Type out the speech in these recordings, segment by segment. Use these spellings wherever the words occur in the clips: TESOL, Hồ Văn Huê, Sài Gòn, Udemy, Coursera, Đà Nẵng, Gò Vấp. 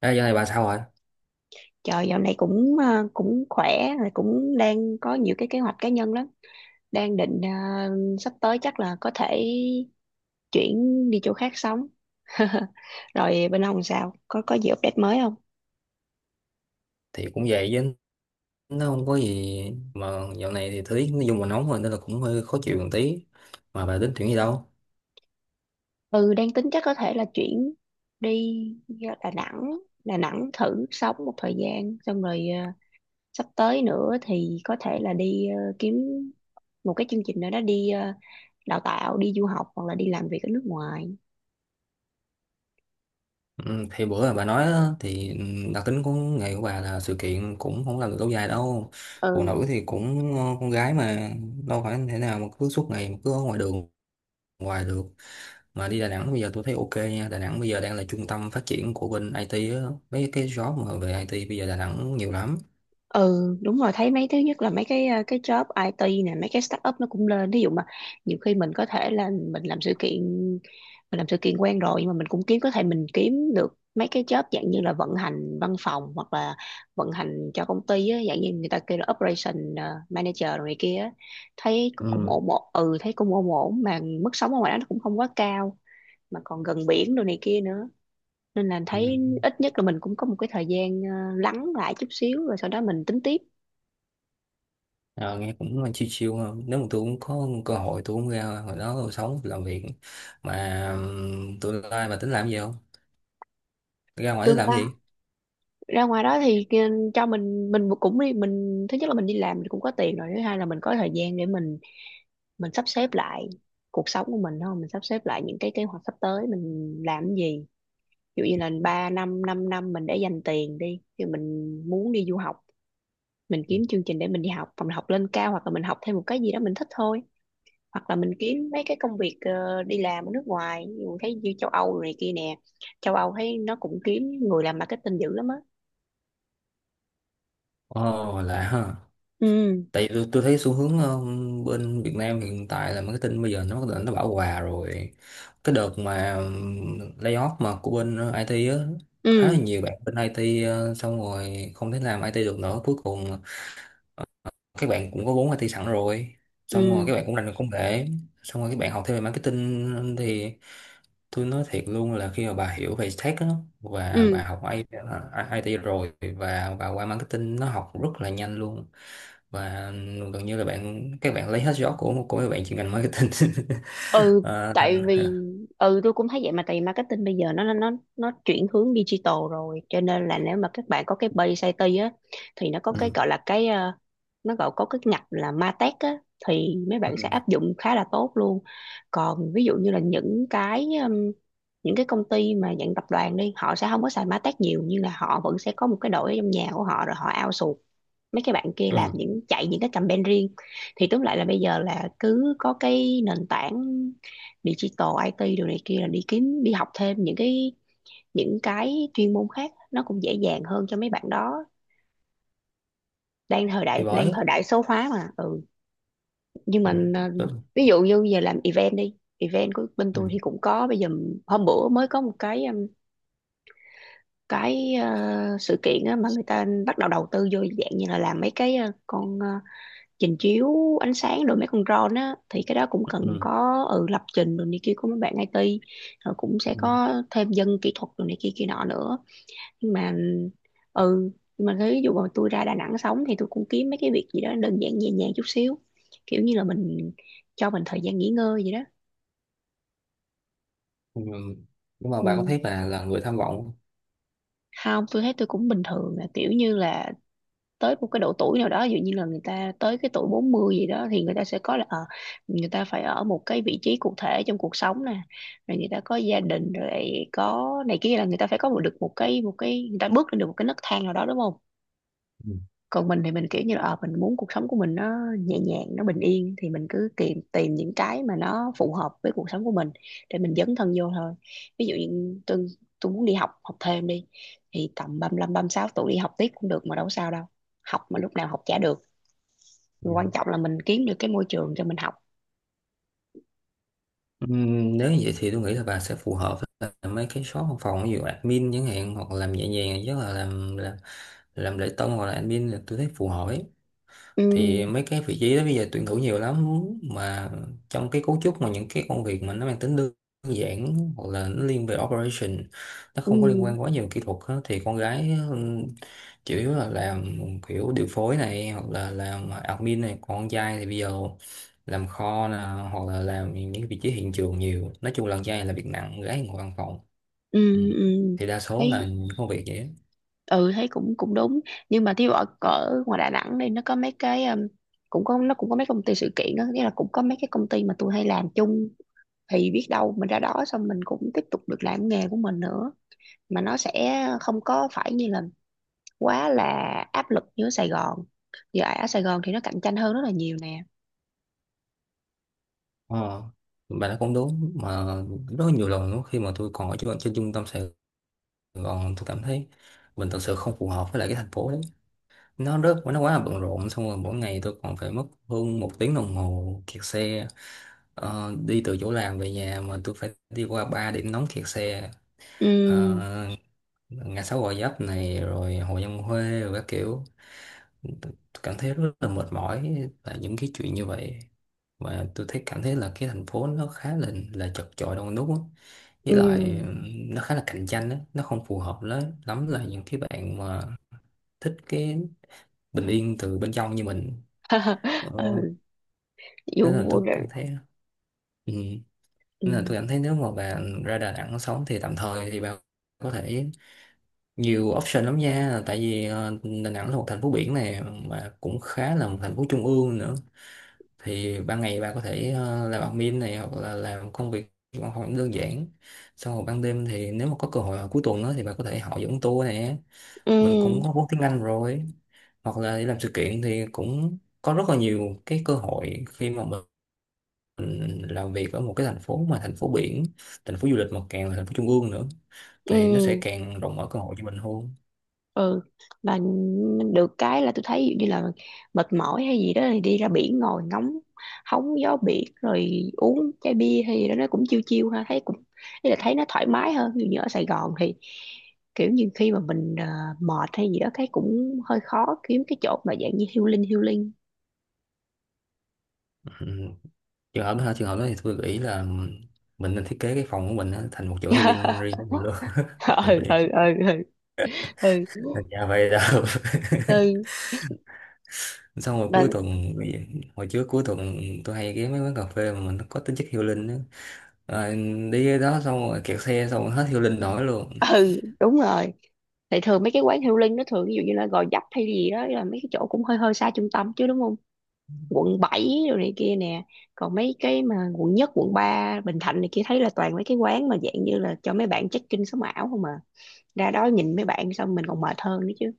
Ê, giờ này bà sao rồi? Trời dạo này cũng khỏe rồi, cũng đang có nhiều cái kế hoạch cá nhân lắm. Đang sắp tới chắc là có thể chuyển đi chỗ khác sống. Rồi bên ông sao? Có gì update mới không? Thì cũng vậy chứ nó không có gì mà dạo này thì thời tiết nói chung là nóng rồi nên là cũng hơi khó chịu một tí. Mà bà tính chuyện gì đâu? Ừ, đang tính chắc có thể là chuyển đi Đà Nẵng, Đà Nẵng thử sống một thời gian xong rồi sắp tới nữa thì có thể là kiếm một cái chương trình nào đó đào tạo, đi du học hoặc là đi làm việc ở nước ngoài. Ừ, thì bữa là bà nói á, thì ừ, đặc tính của nghề của bà là sự kiện cũng không làm được lâu dài đâu. Phụ Ừ. nữ thì cũng con gái mà, đâu phải thế nào mà cứ suốt ngày mà cứ ở ngoài đường, ngoài được. Mà đi Đà Nẵng bây giờ tôi thấy ok nha. Đà Nẵng bây giờ đang là trung tâm phát triển của bên IT á, mấy cái job mà về IT bây giờ Đà Nẵng nhiều lắm. Ừ, đúng rồi, thấy mấy thứ nhất là mấy cái job IT nè, mấy cái startup nó cũng lên. Ví dụ mà nhiều khi mình có thể là mình làm sự kiện, mình làm sự kiện quen rồi nhưng mà mình cũng kiếm, có thể mình kiếm được mấy cái job dạng như là vận hành văn phòng hoặc là vận hành cho công ty á, dạng như người ta kêu là operation manager rồi này kia á. Thấy cũng Ừ. ổn ổn ừ, thấy cũng ổn ổn mà mức sống ở ngoài đó nó cũng không quá cao, mà còn gần biển đồ này kia nữa, nên là Ừ. thấy ít nhất là mình cũng có một cái thời gian lắng lại chút xíu rồi sau đó mình tính tiếp. Ờ, nghe cũng chill chill hơn. Nếu mà tôi cũng có cơ hội tôi cũng ra, hồi đó tôi sống tôi làm việc. Mà tôi lai mà tính làm gì không, ra ngoài tính Tương làm đương gì? ra ngoài đó cho mình cũng đi, mình thứ nhất là mình đi làm mình cũng có tiền rồi, thứ hai là mình có thời gian để mình sắp xếp lại cuộc sống của mình, không, mình sắp xếp lại những cái kế hoạch sắp tới mình làm cái gì. Ví dụ như là 3 năm 5 năm năm mình để dành tiền đi thì mình muốn đi du học, mình kiếm chương trình để mình đi học hoặc mình học lên cao hoặc là mình học thêm một cái gì đó mình thích thôi, hoặc là mình kiếm mấy cái công việc đi làm ở nước ngoài. Ví dụ thấy như châu Âu rồi này kia nè, châu Âu thấy nó cũng kiếm người làm marketing dữ lắm á. Ồ, lạ ha. Ừ. Tại vì tôi thấy xu hướng bên Việt Nam hiện tại là marketing bây giờ nó bắt đầu nó bão hòa rồi. Cái đợt mà layoff mà của bên IT á, khá là Ừ nhiều bạn bên IT xong rồi không thể làm IT được nữa. Cuối cùng các bạn cũng có vốn IT sẵn rồi, xong rồi ừ các bạn cũng rành về công nghệ, xong rồi các bạn học thêm về marketing thì tôi nói thiệt luôn là khi mà bà hiểu về tech á, và ừ IT rồi và bà qua marketing nó học rất là nhanh luôn. Và gần như là bạn các bạn lấy hết gió của các bạn chuyên ngành marketing. ừ. Ờ, thành Tại vì ừ, tôi cũng thấy vậy mà, tại vì marketing bây giờ nó chuyển hướng digital rồi, cho nên là nếu mà các bạn có cái base IT á thì nó có cái ừ. gọi là nó gọi có cái ngạch là MarTech á, thì mấy Ừ. bạn sẽ áp dụng khá là tốt luôn. Còn ví dụ như là những cái công ty mà dạng tập đoàn đi, họ sẽ không có xài MarTech nhiều nhưng là họ vẫn sẽ có một cái đội ở trong nhà của họ rồi họ outsource mấy cái bạn kia làm Ừ. những, chạy những cái campaign riêng. Thì tóm lại là bây giờ là cứ có cái nền tảng digital IT đồ này kia là đi kiếm đi học thêm những cái chuyên môn khác nó cũng dễ dàng hơn cho mấy bạn đó. đang thời đại Thì đang bởi. thời đại số hóa mà, ừ. nhưng Ừ. mà ờ, Ừ. ví dụ như giờ làm event, đi event của bên Ừ. tôi thì cũng có bây giờ, hôm bữa mới có một sự kiện á, mà người ta bắt đầu đầu tư vô dạng như là làm mấy trình chiếu ánh sáng rồi mấy con drone á, thì cái đó cũng cần Ừ. có ừ, lập trình rồi này kia của mấy bạn IT, rồi cũng sẽ có thêm dân kỹ thuật rồi này kia kia nọ nữa. Nhưng mà ừ, nhưng mà ví dụ mà tôi ra Đà Nẵng sống thì tôi cũng kiếm mấy cái việc gì đó đơn giản nhẹ nhàng chút xíu, kiểu như là mình cho mình thời gian nghỉ ngơi vậy đó. Ừ. Nhưng mà bà có Ừ. thấy bà là người tham vọng không? Không, tôi thấy tôi cũng bình thường, là kiểu như là tới một cái độ tuổi nào đó, ví dụ như là người ta tới cái tuổi 40 gì đó thì người ta sẽ có là ờ, người ta phải ở một cái vị trí cụ thể trong cuộc sống nè, rồi người ta có gia đình rồi, có này kia, là người ta phải có một, được một cái người ta bước lên được một cái nấc thang nào đó, đúng không. Ừ. Còn mình thì mình kiểu như là ờ, mình muốn cuộc sống của mình nó nhẹ nhàng nó bình yên thì mình cứ tìm tìm những cái mà nó phù hợp với cuộc sống của mình để mình dấn thân vô thôi. Ví dụ như tôi muốn đi học, học thêm đi thì tầm 35 sáu tuổi đi học tiếp cũng được mà, đâu có sao đâu, học mà lúc nào học chả được, quan Ừ. trọng là mình kiếm được cái môi trường cho mình học. Nếu như vậy thì tôi nghĩ là bà sẽ phù hợp với lại mấy cái shop văn phòng, ví dụ admin chẳng hạn, hoặc làm nhẹ nhàng nhất là làm lễ tân hoặc là admin là tôi thấy phù hợp ấy. Ừ Thì mấy cái vị trí đó bây giờ tuyển thủ nhiều lắm mà. Trong cái cấu trúc mà những cái công việc mà nó mang tính đơn giản hoặc là nó liên về operation, nó không có liên ừ quan quá nhiều kỹ thuật á, thì con gái ừ, chủ yếu là làm kiểu điều phối này hoặc là làm admin này. Còn con trai thì bây giờ làm kho nè, hoặc là làm những vị trí hiện trường nhiều. Nói chung là con trai là việc nặng, con gái ngồi văn phòng. ừ Ừ. ừ. Thì đa số là Thấy, những công việc vậy á. ừ, thấy cũng cũng đúng, nhưng mà thí dụ ở ngoài Đà Nẵng đây nó có mấy cái cũng có, nó cũng có mấy công ty sự kiện đó, nghĩa là cũng có mấy cái công ty mà tôi hay làm chung, thì biết đâu mình ra đó xong mình cũng tiếp tục được làm nghề của mình nữa, mà nó sẽ không có phải như là quá là áp lực như ở Sài Gòn. Giờ ở Sài Gòn thì nó cạnh tranh hơn rất là nhiều nè. Ờ, bà nói cũng đúng mà. Rất nhiều lần lúc khi mà tôi còn ở trên trung tâm Sài Gòn, tôi cảm thấy mình thật sự không phù hợp với lại cái thành phố đấy. Nó rất, nó quá là bận rộn, xong rồi mỗi ngày tôi còn phải mất hơn một tiếng đồng hồ kẹt xe. Ờ, đi từ chỗ làm về nhà mà tôi phải đi qua ba điểm nóng kẹt xe. Ờ, Ừ. ngã sáu Gò Vấp này rồi Hồ Văn Huê rồi các kiểu. Tôi cảm thấy rất là mệt mỏi tại những cái chuyện như vậy. Mà tôi thấy cảm thấy là cái thành phố nó khá là chật chội đông đúc á. Với lại Ừ. Nó khá là cạnh tranh á, nó không phù hợp lắm lắm là những cái bạn mà thích cái bình yên từ bên trong như mình. Ờ, Ừ. nên là Dù tôi cảm thấy. Ừ. ừ Nên là tôi cảm thấy nếu mà bạn ra Đà Nẵng sống thì tạm thời thì bạn có thể nhiều option lắm nha. Tại vì Đà Nẵng là một thành phố biển này mà cũng khá là một thành phố trung ương nữa, thì ban ngày bà có thể làm admin này hoặc là làm công việc văn phòng đơn giản, xong rồi ban đêm thì nếu mà có cơ hội vào cuối tuần đó thì bà có thể họ dẫn tour nè. Mình cũng ừ có vốn tiếng Anh rồi, hoặc là đi làm sự kiện thì cũng có rất là nhiều cái cơ hội khi mà mình làm việc ở một cái thành phố mà thành phố biển, thành phố du lịch mà càng là thành phố trung ương nữa thì nó sẽ ừ càng rộng mở cơ hội cho mình hơn. ừ, mà được cái là tôi thấy ví dụ như là mệt mỏi hay gì đó thì đi ra biển ngồi ngóng hóng gió biển rồi uống chai bia hay gì đó nó cũng chiêu chiêu ha, thấy cũng, ý là thấy nó thoải mái hơn. Ví dụ như ở Sài Gòn thì kiểu như khi mà mệt hay gì đó cái cũng hơi khó kiếm cái chỗ mà dạng như healing healing. Ừ. Trường hợp đó hả? Trường hợp đó thì tôi nghĩ là mình nên thiết kế cái phòng của mình á, thành một chỗ healing riêng của mình luôn. Mày Ừ biết. ừ ừ ừ ừ Dạ vậy đâu. ừ. Xong rồi Mà- cuối tuần, hồi trước cuối tuần tôi hay ghé mấy quán cà phê mà mình nó có tính chất healing á. Rồi đi cái đó xong rồi kẹt xe xong rồi hết healing nổi luôn. ừ đúng rồi, thì thường mấy cái quán healing nó thường ví dụ như là Gò Vấp hay gì đó, là mấy cái chỗ cũng hơi hơi xa trung tâm chứ đúng không, quận 7 rồi này kia nè. Còn mấy cái mà quận 1, quận 3, Bình Thạnh này kia thấy là toàn mấy cái quán mà dạng như là cho mấy bạn check-in sống ảo không à, ra đó nhìn mấy bạn xong mình còn mệt hơn nữa chứ.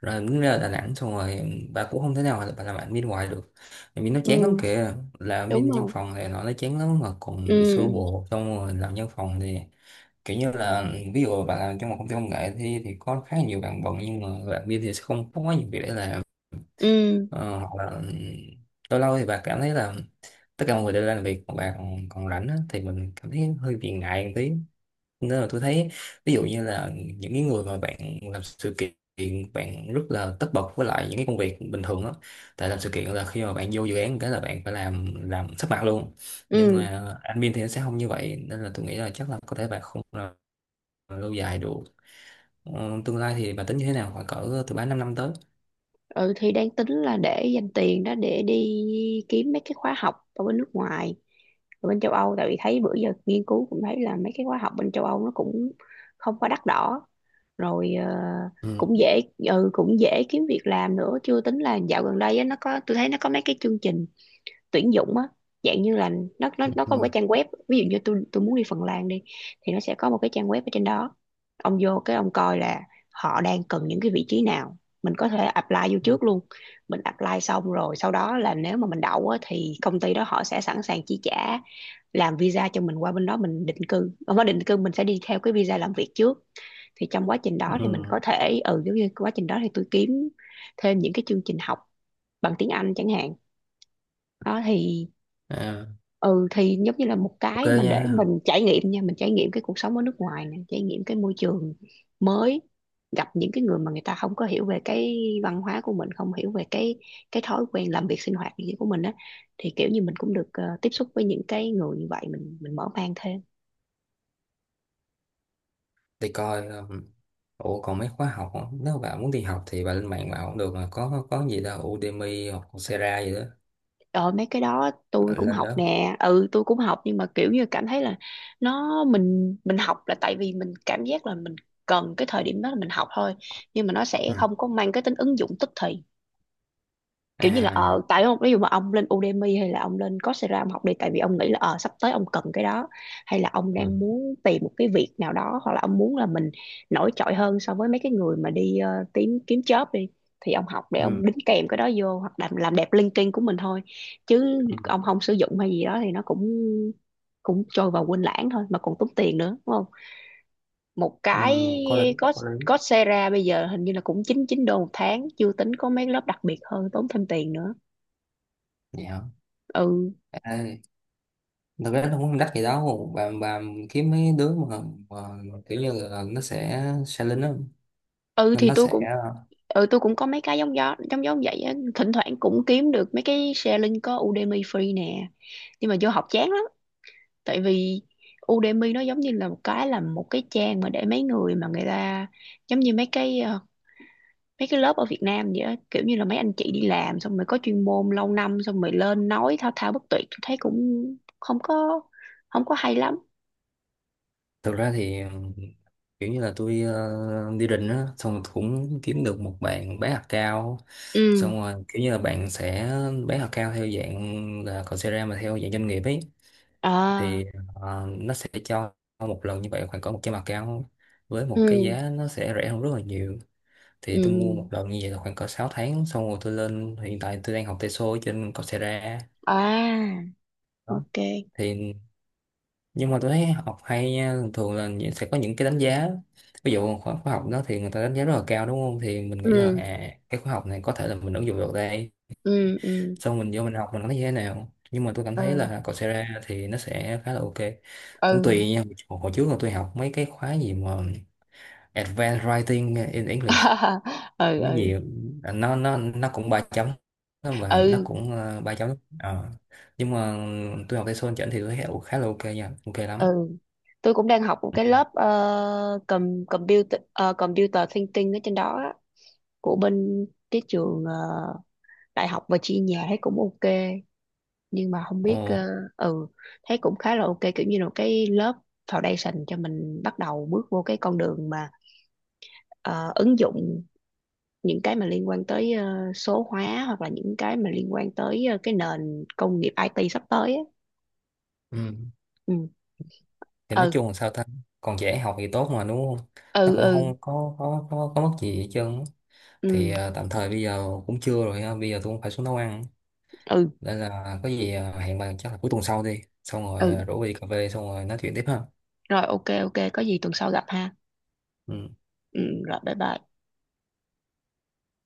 Rồi đến ra Đà Nẵng xong rồi bà cũng không thể nào là bà làm admin hoài được. Admin nó chán lắm Ừ kìa. Làm đúng admin văn không. phòng thì nó chán lắm mà còn bị xô Ừ bồ, xong rồi làm văn phòng thì kiểu như là ví dụ bạn làm trong một công ty công nghệ thì có khá nhiều bạn bận nhưng mà bạn kia thì sẽ không có quá nhiều việc để làm. ừ Ờ, hoặc là lâu lâu thì bạn cảm thấy là tất cả mọi người đều làm việc còn còn rảnh á, thì mình cảm thấy hơi bị ngại một tí. Nên là tôi thấy ví dụ như là những cái người mà bạn làm sự kiện, bạn rất là tất bật với lại những cái công việc bình thường á. Tại làm sự kiện là khi mà bạn vô dự án cái là bạn phải làm sắp mặt luôn. Nhưng ừ mà admin thì nó sẽ không như vậy, nên là tôi nghĩ là chắc là có thể bạn không lâu dài được. Ờ, tương lai thì bà tính như thế nào khoảng cỡ từ 3 năm năm tới? ừ, thì đang tính là để dành tiền đó để đi kiếm mấy cái khóa học ở bên nước ngoài, ở bên châu Âu, tại vì thấy bữa giờ nghiên cứu cũng thấy là mấy cái khóa học bên châu Âu nó cũng không quá đắt đỏ, rồi ờ, Ừ. cũng dễ, ừ, cũng dễ kiếm việc làm nữa. Chưa tính là dạo gần đây á, nó có, tôi thấy nó có mấy cái chương trình tuyển dụng á, dạng như là nó có một cái Ừ. trang web. Ví dụ như tôi muốn đi Phần Lan đi, thì nó sẽ có một cái trang web ở trên đó, ông vô cái ông coi là họ đang cần những cái vị trí nào, mình có thể apply vô Ừ. trước luôn. Mình apply xong rồi sau đó là nếu mà mình đậu á, thì công ty đó họ sẽ sẵn sàng chi trả làm visa cho mình qua bên đó mình định cư, không phải định cư, mình sẽ đi theo cái visa làm việc trước. Thì trong quá trình đó thì mình Ừ. có thể ừ, giống như quá trình đó thì tôi kiếm thêm những cái chương trình học bằng tiếng Anh chẳng hạn. Đó thì À, ừ, thì giống như là một ok cái mà nha. để mình trải nghiệm nha, mình trải nghiệm cái cuộc sống ở nước ngoài nè, trải nghiệm cái môi trường mới, gặp những cái người mà người ta không có hiểu về cái văn hóa của mình, không hiểu về cái thói quen làm việc sinh hoạt gì của mình á, thì kiểu như mình cũng được tiếp xúc với những cái người như vậy mình mở mang thêm. Thì coi ủa còn mấy khóa học á, nếu mà bà muốn đi học thì bà lên mạng bà cũng được mà, có gì đâu, Udemy hoặc Coursera gì đó. Rồi mấy cái đó tôi Ờ, cũng lên học đó. nè, ừ tôi cũng học, nhưng mà kiểu như cảm thấy là nó, mình học là tại vì mình cảm giác là mình cần cái thời điểm đó là mình học thôi, nhưng mà nó sẽ Ừ. không có mang cái tính ứng dụng tức thì. Kiểu như là ờ, À. tại ông ví dụ mà ông lên Udemy hay là ông lên Coursera ông học đi, tại vì ông nghĩ là ờ, sắp tới ông cần cái đó, hay là ông Ừ. đang muốn tìm một cái việc nào đó, hoặc là ông muốn là mình nổi trội hơn so với mấy cái người mà tìm kiếm job đi, thì ông học để ông Ừ. đính kèm cái đó vô hoặc làm đẹp LinkedIn của mình thôi, chứ Ừ. ông không sử dụng hay gì đó thì nó cũng cũng trôi vào quên lãng thôi mà còn tốn tiền nữa đúng không. Một Ừ. cái Có lý. có, Có lý. Coursera bây giờ hình như là cũng 99 đô một tháng, chưa tính có mấy lớp đặc biệt hơn tốn thêm tiền nữa. Vậy hả? Ừ À, thực ra nó cũng không đắt gì đâu bà. Bà kiếm mấy đứa mà kiểu như là nó sẽ lên đó ừ, nên thì nó tôi sẽ. cũng, ừ tôi cũng có mấy cái giống gió giống giống vậy á, thỉnh thoảng cũng kiếm được mấy cái sharing có Udemy free nè, nhưng mà vô học chán lắm, tại vì Udemy nó giống như là một cái trang mà để mấy người mà người ta, giống như mấy mấy cái lớp ở Việt Nam vậy á, kiểu như là mấy anh chị đi làm xong rồi có chuyên môn lâu năm xong rồi lên nói thao thao bất tuyệt, tôi thấy cũng không có không có hay lắm. Thực ra thì kiểu như là tôi đi định á xong rồi cũng kiếm được một bạn bán hạt cao, Ừ. xong rồi kiểu như là bạn sẽ bán hạt cao theo dạng là Coursera mà theo dạng doanh nghiệp ấy. À. Thì nó sẽ cho một lần như vậy khoảng cỡ 100 hạt cao với một cái Ừ giá nó sẽ rẻ hơn rất là nhiều. Thì ừ. tôi mua một lần như vậy là khoảng cỡ 6 tháng, xong rồi tôi lên, hiện tại tôi đang học TESOL ở trên Coursera. À Đó ok. thì. Nhưng mà tôi thấy học hay nha, thường thường là sẽ có những cái đánh giá, ví dụ khóa khóa học đó thì người ta đánh giá rất là cao đúng không, thì mình nghĩ là Ừ à cái khóa học này có thể là mình ứng dụng được đây, ừ ừ xong mình vô mình học mình thấy như thế nào. Nhưng mà tôi cảm thấy ừ là Coursera thì nó sẽ khá là ok. Cũng ừ. tùy nha. Hồi Hồi trước là tôi học mấy cái khóa gì mà Advanced Writing in English Ừ cái ừ gì. À, nó nó cũng ba chấm, mà nó ừ cũng ba chấm. Ờ. Nhưng mà tôi học TESOL chỉnh thì tôi thấy khá là ok nha, ok lắm. ừ, tôi cũng đang học một Ừ. cái lớp computer thinking ở trên đó á, của bên cái trường đại học và chi nhà, thấy cũng ok, nhưng mà không biết Ồ. ờ, ừ, thấy cũng khá là ok, kiểu như là một cái lớp foundation cho mình bắt đầu bước vô cái con đường mà ờ, ứng dụng những cái mà liên quan tới ờ, số hóa, hoặc là những cái mà liên quan tới ờ, cái nền công nghiệp IT sắp tới á. Ừ. Ừ Thì nói ừ chung là sao ta? Còn dễ học thì tốt mà đúng không? Nó ừ cũng ừ không có có mất gì hết trơn á. ừ Thì à, tạm thời bây giờ cũng trưa rồi ha, bây giờ tôi cũng phải xuống nấu ăn, ừ nên là có gì à, hẹn bạn chắc là cuối tuần sau đi, xong rồi ừ. ờ, rủ đi cà phê xong rồi nói chuyện tiếp ha. Rồi ok ok, có gì tuần sau gặp ha. Ừ. Ừ. Rồi bye bye.